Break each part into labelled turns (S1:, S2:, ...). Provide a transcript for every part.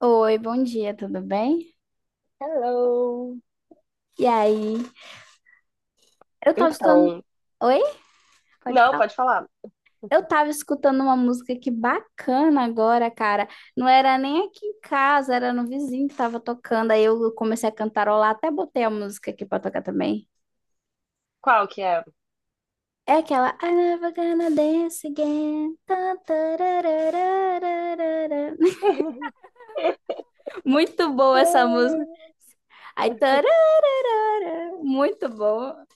S1: Oi, bom dia, tudo bem?
S2: Hello.
S1: E aí, eu tava escutando.
S2: Então,
S1: Oi? Pode
S2: não,
S1: falar?
S2: pode falar.
S1: Eu tava escutando uma música que bacana agora, cara. Não era nem aqui em casa, era no vizinho que tava tocando. Aí eu comecei a cantarolar, até botei a música aqui pra tocar também.
S2: Qual que é?
S1: É aquela I never gonna dance again. Tan, tarararararara. Muito boa essa música. Aí, tarararara. Muito boa.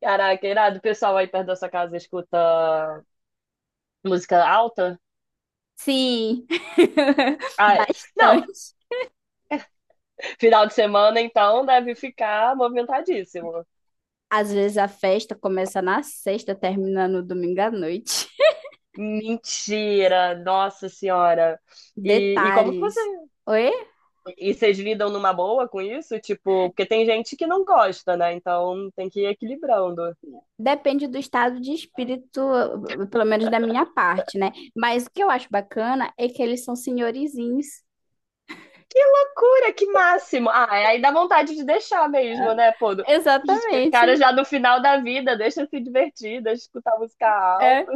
S2: Caraca, irado, o pessoal aí perto da sua casa escuta música alta?
S1: Sim,
S2: Ah, é. Não,
S1: bastante.
S2: final de semana então deve ficar movimentadíssimo.
S1: Às vezes a festa começa na sexta, termina no domingo à noite.
S2: Mentira, nossa senhora. E como que você...
S1: Detalhes. Oi?
S2: E vocês lidam numa boa com isso? Tipo, porque tem gente que não gosta, né? Então tem que ir equilibrando.
S1: Depende do estado de espírito, pelo menos da minha parte, né? Mas o que eu acho bacana é que eles são senhorizinhos.
S2: Cura, que máximo! Ah, é, aí dá vontade de deixar
S1: Ah,
S2: mesmo, né, pô? Os caras
S1: exatamente.
S2: já no final da vida, deixa se divertir, deixa escutar música
S1: É.
S2: alta.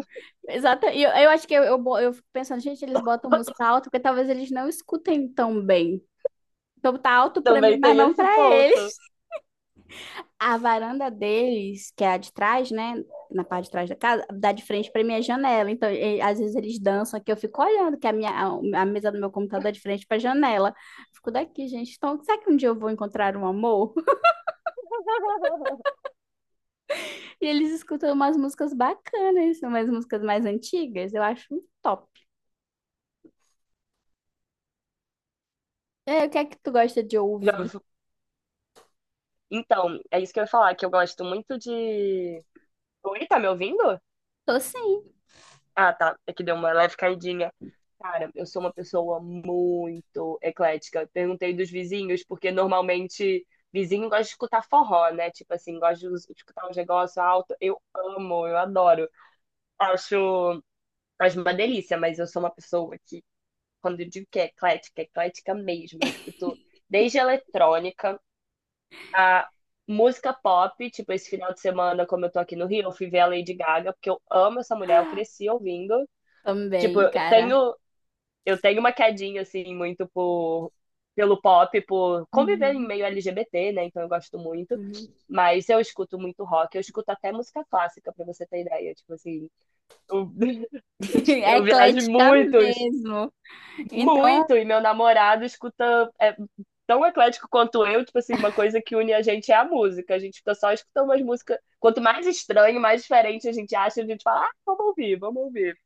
S1: Exato. E eu acho que eu fico pensando, gente, eles botam música alta porque talvez eles não escutem tão bem. Então tá alto pra mim,
S2: Também
S1: mas
S2: tem
S1: não
S2: esse
S1: pra ele.
S2: ponto.
S1: A varanda deles, que é a de trás, né? Na parte de trás da casa, dá de frente para minha janela. Então, às vezes eles dançam aqui, eu fico olhando, que a mesa do meu computador é de frente para a janela. Fico daqui, gente. Então, será que um dia eu vou encontrar um amor? E eles escutam umas músicas bacanas, umas músicas mais antigas. Eu acho um top. E aí, o que é que tu gosta de ouvir?
S2: Já- Então, é isso que eu ia falar, que eu gosto muito de. Oi, tá me ouvindo?
S1: Tô sim,
S2: Ah, tá. É que deu uma leve caidinha. Cara, eu sou uma pessoa muito eclética. Eu perguntei dos vizinhos, porque normalmente vizinho gosta de escutar forró, né? Tipo assim, gosta de escutar um negócio alto. Eu amo, eu adoro. Acho. Faz uma delícia, mas eu sou uma pessoa que, quando eu digo que é eclética mesmo. Eu escuto desde eletrônica a música pop, tipo, esse final de semana, como eu tô aqui no Rio, eu fui ver a Lady Gaga, porque eu amo essa mulher, eu cresci ouvindo. Tipo,
S1: também,
S2: eu
S1: cara.
S2: tenho, eu tenho uma quedinha, assim, muito pelo pop, por conviver em
S1: Uhum.
S2: meio LGBT, né? Então eu gosto muito.
S1: Uhum.
S2: Mas eu escuto muito rock, eu escuto até música clássica, pra você ter ideia. Tipo assim, eu,
S1: É
S2: eu viajo
S1: eclética
S2: muito.
S1: mesmo. Então,
S2: Muito, e meu namorado escuta é tão eclético quanto eu, tipo assim, uma coisa que une a gente é a música. A gente fica só escutando umas músicas. Quanto mais estranho, mais diferente a gente acha, a gente fala, ah, vamos ouvir, vamos ouvir.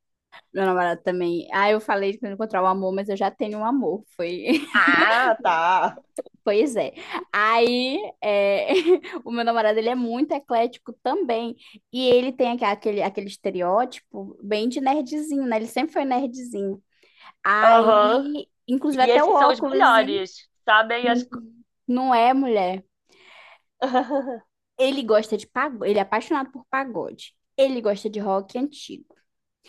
S1: meu namorado também. Ah, eu falei de encontrar o amor, mas eu já tenho um amor. Foi,
S2: Ah, tá.
S1: pois é. Aí, é, o meu namorado, ele é muito eclético também. E ele tem aquele estereótipo bem de nerdzinho, né? Ele sempre foi nerdzinho.
S2: Aham.
S1: Aí, inclusive
S2: E
S1: até o
S2: esses são os
S1: óculos, hein?
S2: melhores, sabem?
S1: Não é, mulher. Ele gosta de pagode, ele é apaixonado por pagode. Ele gosta de rock antigo.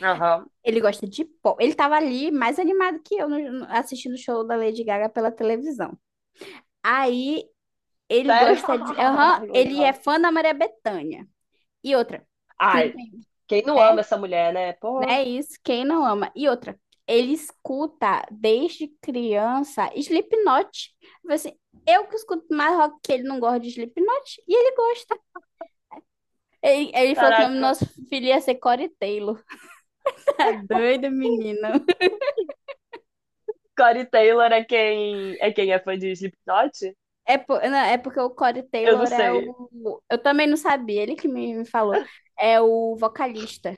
S2: Aham.
S1: Ele gosta de pop. Ele tava ali mais animado que eu assistindo o show da Lady Gaga pela televisão. Aí ele
S2: Sério?
S1: gosta de. Aham,
S2: Ai,
S1: ele é
S2: legal.
S1: fã da Maria Bethânia. E outra, que não
S2: Ai,
S1: tem,
S2: quem não
S1: né?
S2: ama essa mulher, né?
S1: Não
S2: Pô,
S1: é isso, quem não ama. E outra, ele escuta desde criança Slipknot. Eu falei assim, eu que escuto mais rock que ele não gosta de Slipknot e ele gosta. Ele falou que o nome do
S2: caraca.
S1: nosso filho ia ser Corey Taylor. Tá doido, menino.
S2: Corey Taylor é quem é fã de Slipknot?
S1: É, não, é porque o Corey
S2: Eu não
S1: Taylor é
S2: sei.
S1: o. Eu também não sabia, ele que me falou. É o vocalista.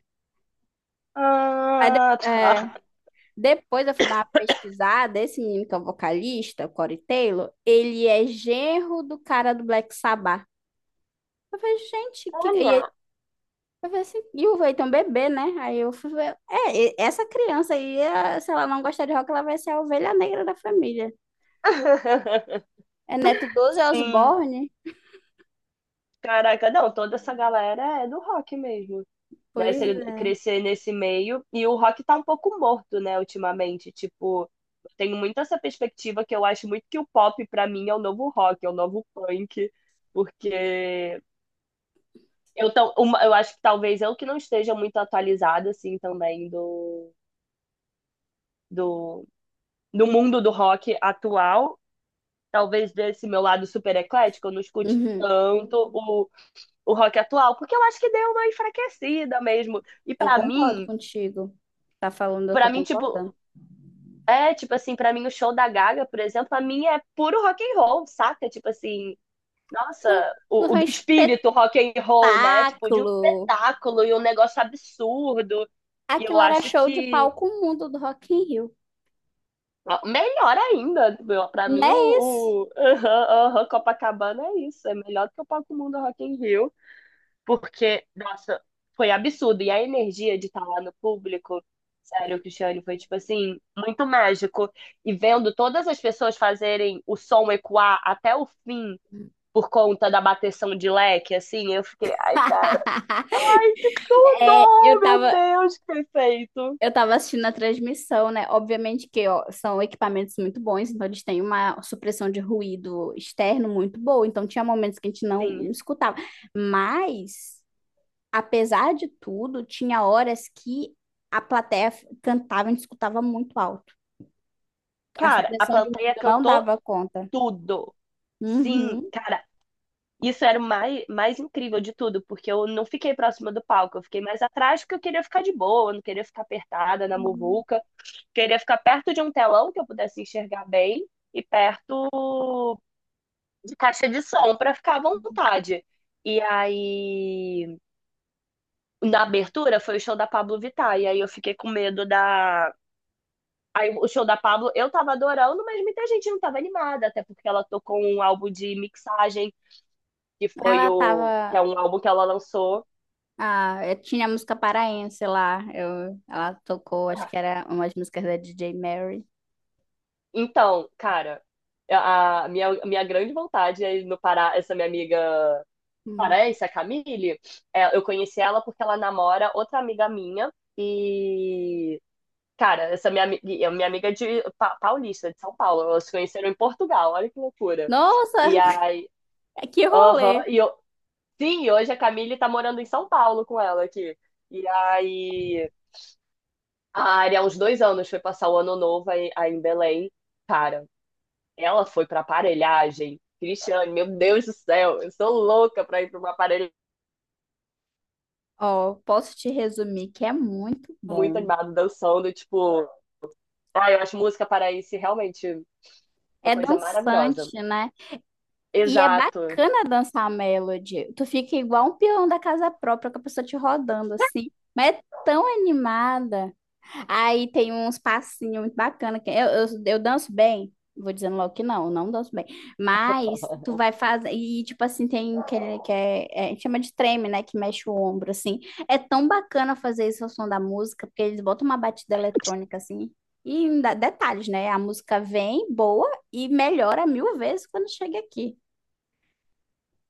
S1: Aí
S2: Ah, tá.
S1: depois. Depois eu fui dar uma pesquisada, esse menino que é o vocalista, o Corey Taylor, ele é genro do cara do Black Sabbath. Eu falei, gente, que... e,
S2: Olha.
S1: eu falei assim, e o Eitan bebê, né? Aí eu fui ver, essa criança aí, se ela não gostar de rock, ela vai ser a ovelha negra da família. É neto do Ozzy
S2: Sim.
S1: Osbourne?
S2: Caraca, não, toda essa galera é do rock mesmo. Né?
S1: Pois
S2: Você
S1: é.
S2: crescer nesse meio. E o rock tá um pouco morto, né, ultimamente. Tipo, eu tenho muito essa perspectiva que eu acho muito que o pop, pra mim, é o novo rock, é o novo punk. Porque eu, tão, eu acho que talvez eu que não esteja muito atualizada, assim, também do, do mundo do rock atual. Talvez desse meu lado super eclético, eu não escute
S1: Uhum.
S2: tanto o rock atual, porque eu acho que deu uma enfraquecida mesmo. E
S1: Eu concordo contigo. Tá falando, eu tô
S2: pra mim, tipo,
S1: concordando.
S2: é, tipo assim, pra mim o show da Gaga, por exemplo, pra mim é puro rock and roll, saca? Tipo assim, nossa,
S1: Aquilo aquilo
S2: o
S1: foi
S2: do
S1: um
S2: espírito rock and roll, né? Tipo, de um
S1: espetáculo.
S2: espetáculo e um negócio absurdo. E
S1: Aquilo
S2: eu
S1: era
S2: acho
S1: show de
S2: que
S1: palco mundo do Rock in Rio.
S2: ó, melhor ainda, meu, pra
S1: Não
S2: mim
S1: é isso?
S2: o aham, aham, Copacabana é isso, é melhor do que o Palco Mundo Rock in Rio. Porque, nossa, foi absurdo. E a energia de estar lá no público, sério, Cristiane, foi tipo assim, muito mágico. E vendo todas as pessoas fazerem o som ecoar até o fim por conta da bateção de leque, assim, eu fiquei, ai, cara, que
S1: É,
S2: tudo! Meu Deus, que perfeito!
S1: eu tava assistindo a transmissão, né? Obviamente que ó, são equipamentos muito bons, então eles têm uma supressão de ruído externo muito boa, então tinha momentos que a gente não
S2: Sim.
S1: escutava. Mas, apesar de tudo, tinha horas que a plateia cantava, a gente escutava muito alto. A
S2: Cara, a
S1: supressão de
S2: plateia
S1: ruído não
S2: cantou
S1: dava conta.
S2: tudo. Sim,
S1: Uhum.
S2: cara, isso era o mais incrível de tudo, porque eu não fiquei próxima do palco, eu fiquei mais atrás porque eu queria ficar de boa, eu não queria ficar apertada na
S1: Uhum.
S2: muvuca, queria ficar perto de um telão que eu pudesse enxergar bem e perto de caixa de som para ficar à vontade. E aí, na abertura foi o show da Pablo Vittar, e aí eu fiquei com medo da. Aí o show da Pablo eu tava adorando, mas muita gente não tava animada, até porque ela tocou um álbum de mixagem, que foi
S1: Ela
S2: o. Que é
S1: tava.
S2: um álbum que ela lançou.
S1: Ah, eu tinha a música paraense lá. Eu, ela tocou, acho
S2: Ah,
S1: que era umas músicas da DJ Mary.
S2: então, cara, a minha grande vontade é ir no Pará, essa minha amiga
S1: Uhum.
S2: paraense, a Camille, é, eu conheci ela porque ela namora outra amiga minha e, cara, essa minha, é minha amiga é paulista, de São Paulo, elas se conheceram em Portugal, olha que loucura.
S1: Nossa,
S2: E aí,
S1: que rolê!
S2: aham, e eu, sim, e hoje a Camille tá morando em São Paulo com ela aqui. E aí, a Ari, há uns 2 anos, foi passar o ano novo aí em Belém. Cara, ela foi pra aparelhagem. Cristiane, meu Deus do céu, eu sou louca pra ir pra uma aparelhagem
S1: Ó, posso te resumir que é muito
S2: muito
S1: bom.
S2: animada, dançando, tipo. Ah, eu acho música paraense realmente uma
S1: É
S2: coisa maravilhosa.
S1: dançante, né? E é
S2: Exato.
S1: bacana dançar a melody. Tu fica igual um peão da casa própria com a pessoa te rodando assim. Mas é tão animada. Aí tem uns passinhos muito bacanas. Que eu danço bem. Vou dizendo logo que não, eu não danço bem. Mas tu vai fazer. E, tipo assim, tem que é, é, a gente chama de treme, né? Que mexe o ombro, assim. É tão bacana fazer isso ao som da música, porque eles botam uma batida eletrônica, assim. E ainda- detalhes, né? A música vem boa e melhora mil vezes quando chega aqui.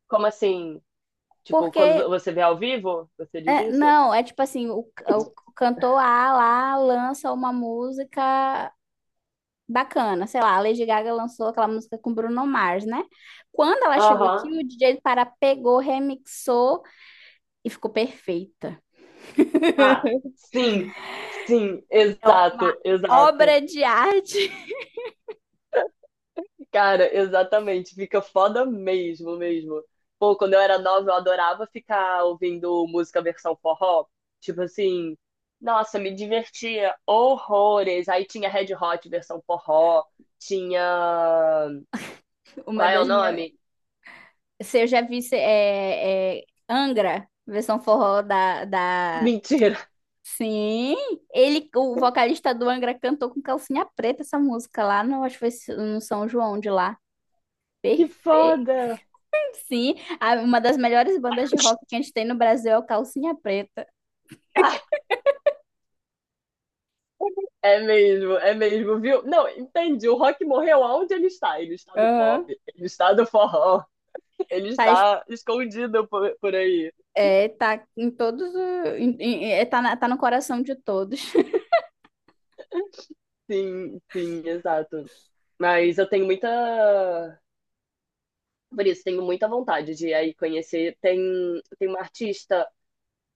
S2: Como assim? Tipo,
S1: Porque,
S2: quando você vê ao vivo, você diz
S1: é,
S2: isso?
S1: não, é tipo assim: o cantor A lá lança uma música bacana, sei lá, a Lady Gaga lançou aquela música com Bruno Mars, né? Quando ela chegou aqui,
S2: Aham.
S1: o DJ Pará pegou, remixou e ficou perfeita.
S2: Ah, sim. Sim,
S1: É uma
S2: exato, exato.
S1: obra de arte.
S2: Cara, exatamente, fica foda mesmo, mesmo. Pô, quando eu era nova, eu adorava ficar ouvindo música versão forró. Tipo assim, nossa, me divertia horrores. Aí tinha Red Hot versão forró, tinha.
S1: Uma
S2: Qual é o
S1: das minhas.
S2: nome?
S1: Se eu já vi se- é, é, Angra, versão forró da.
S2: Mentira,
S1: Sim, ele, o vocalista do Angra cantou com calcinha preta essa música lá no, acho que foi no São João de lá.
S2: que
S1: Perfeito,
S2: foda!
S1: sim. Uma das melhores bandas de rock que a gente tem no Brasil é o Calcinha Preta.
S2: Ah, é mesmo, viu? Não, entendi. O rock morreu aonde ele está? Ele está no pop,
S1: Aham.
S2: ele está no forró, ele
S1: Tá, es-
S2: está escondido por aí.
S1: tá em todos. Tá no coração de todos.
S2: Sim, sim, exato. Mas eu tenho muita. Por isso, tenho muita vontade de ir aí conhecer. Tem, tem uma artista.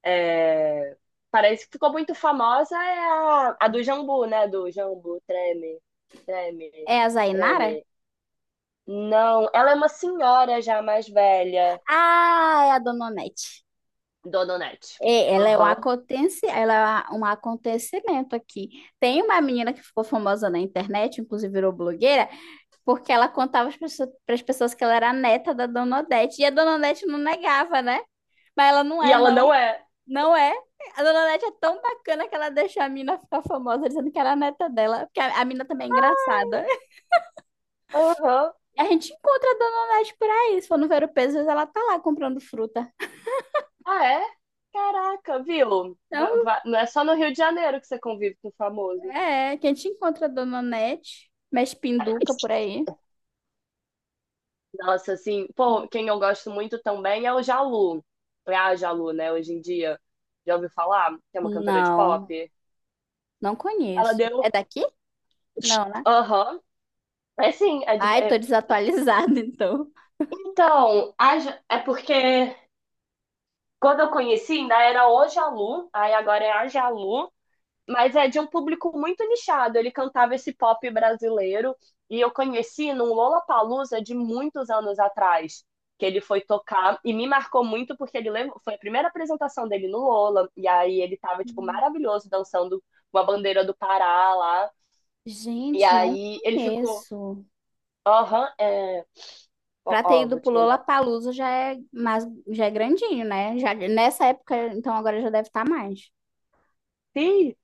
S2: É, parece que ficou muito famosa, é a do Jambu, né? Do Jambu, treme, treme,
S1: É a Zainara?
S2: treme. Não, ela é uma senhora já mais velha,
S1: Ah, é a Dona Onete.
S2: Dona Onete.
S1: É,
S2: Aham.
S1: ela é um acontecimento aqui. Tem uma menina que ficou famosa na internet, inclusive virou blogueira, porque ela contava para as pessoas pras pessoas que ela era a neta da Dona Odete. E a Dona Odete não negava, né? Mas ela não
S2: E
S1: é,
S2: ela
S1: não.
S2: não é.
S1: Não é. A Dona Odete é tão bacana que ela deixou a mina ficar famosa dizendo que era a neta dela, porque a mina também é engraçada.
S2: Aham.
S1: A gente encontra a Dona Onete por aí. Se for no Vero Pesos, ela tá lá comprando fruta.
S2: Ah, é? Caraca, viu?
S1: Então,
S2: Não é só no Rio de Janeiro que você convive com o famoso.
S1: é, que a gente encontra a Dona Onete, mexe pinduca por aí.
S2: Nossa, assim, pô, quem eu gosto muito também é o Jalu. É a Jalu, né, hoje em dia. Já ouviu falar? Que é uma cantora de
S1: Não,
S2: pop.
S1: não
S2: Ela
S1: conheço. É
S2: deu.
S1: daqui? Não, né?
S2: Aham. É assim,
S1: Ai, tô desatualizada, então.
S2: então, é porque quando eu conheci ainda era o Jalu, aí agora é a Jalu. Mas é de um público muito nichado. Ele cantava esse pop brasileiro e eu conheci num Lollapalooza de muitos anos atrás, que ele foi tocar e me marcou muito porque foi a primeira apresentação dele no Lola e aí ele tava tipo maravilhoso dançando com a bandeira do Pará lá. E
S1: Gente, não
S2: aí ele ficou,
S1: conheço.
S2: aham, é,
S1: Pra ter
S2: ó,
S1: ido
S2: vou
S1: pro
S2: te mandar.
S1: Lollapalooza já é, mais, já é grandinho, né? Já, nessa época, então agora já deve estar mais.
S2: Ih,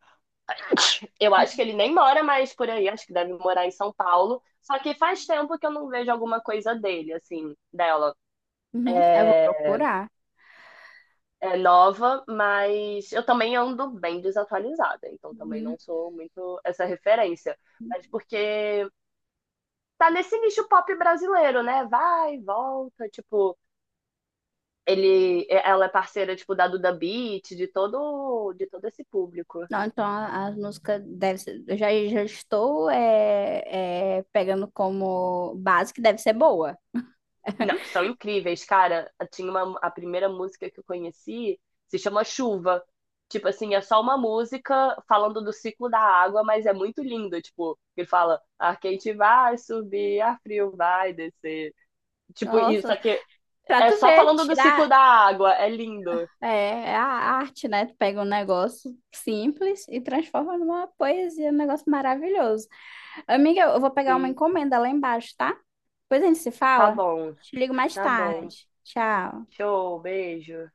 S2: eu acho que ele nem mora mais por aí, acho que deve morar em São Paulo. Só que faz tempo que eu não vejo alguma coisa dele, assim, dela.
S1: Uhum, eu vou
S2: É,
S1: procurar.
S2: é nova, mas eu também ando bem desatualizada, então também
S1: Uhum.
S2: não sou muito essa referência. Mas porque tá nesse nicho pop brasileiro, né? Vai, volta, tipo, ele, é, ela é parceira tipo da Duda Beat, de todo esse público.
S1: Não, então as músicas deve ser, já estou pegando como base que deve ser boa.
S2: Não, são incríveis, cara. Tinha uma, a primeira música que eu conheci se chama Chuva. Tipo assim, é só uma música falando do ciclo da água, mas é muito lindo. Tipo, ele fala, ar quente vai subir, ar frio vai descer. Tipo, isso
S1: Nossa,
S2: aqui
S1: pra
S2: é
S1: tu
S2: só
S1: ver,
S2: falando do ciclo
S1: tirar
S2: da água. É lindo.
S1: é, é a arte, né? Tu pega um negócio simples e transforma numa poesia, um negócio maravilhoso. Amiga, eu vou pegar uma
S2: Sim,
S1: encomenda lá embaixo, tá? Depois a gente se
S2: tá
S1: fala.
S2: bom,
S1: Te ligo mais
S2: tá bom.
S1: tarde. Tchau.
S2: Show, beijo.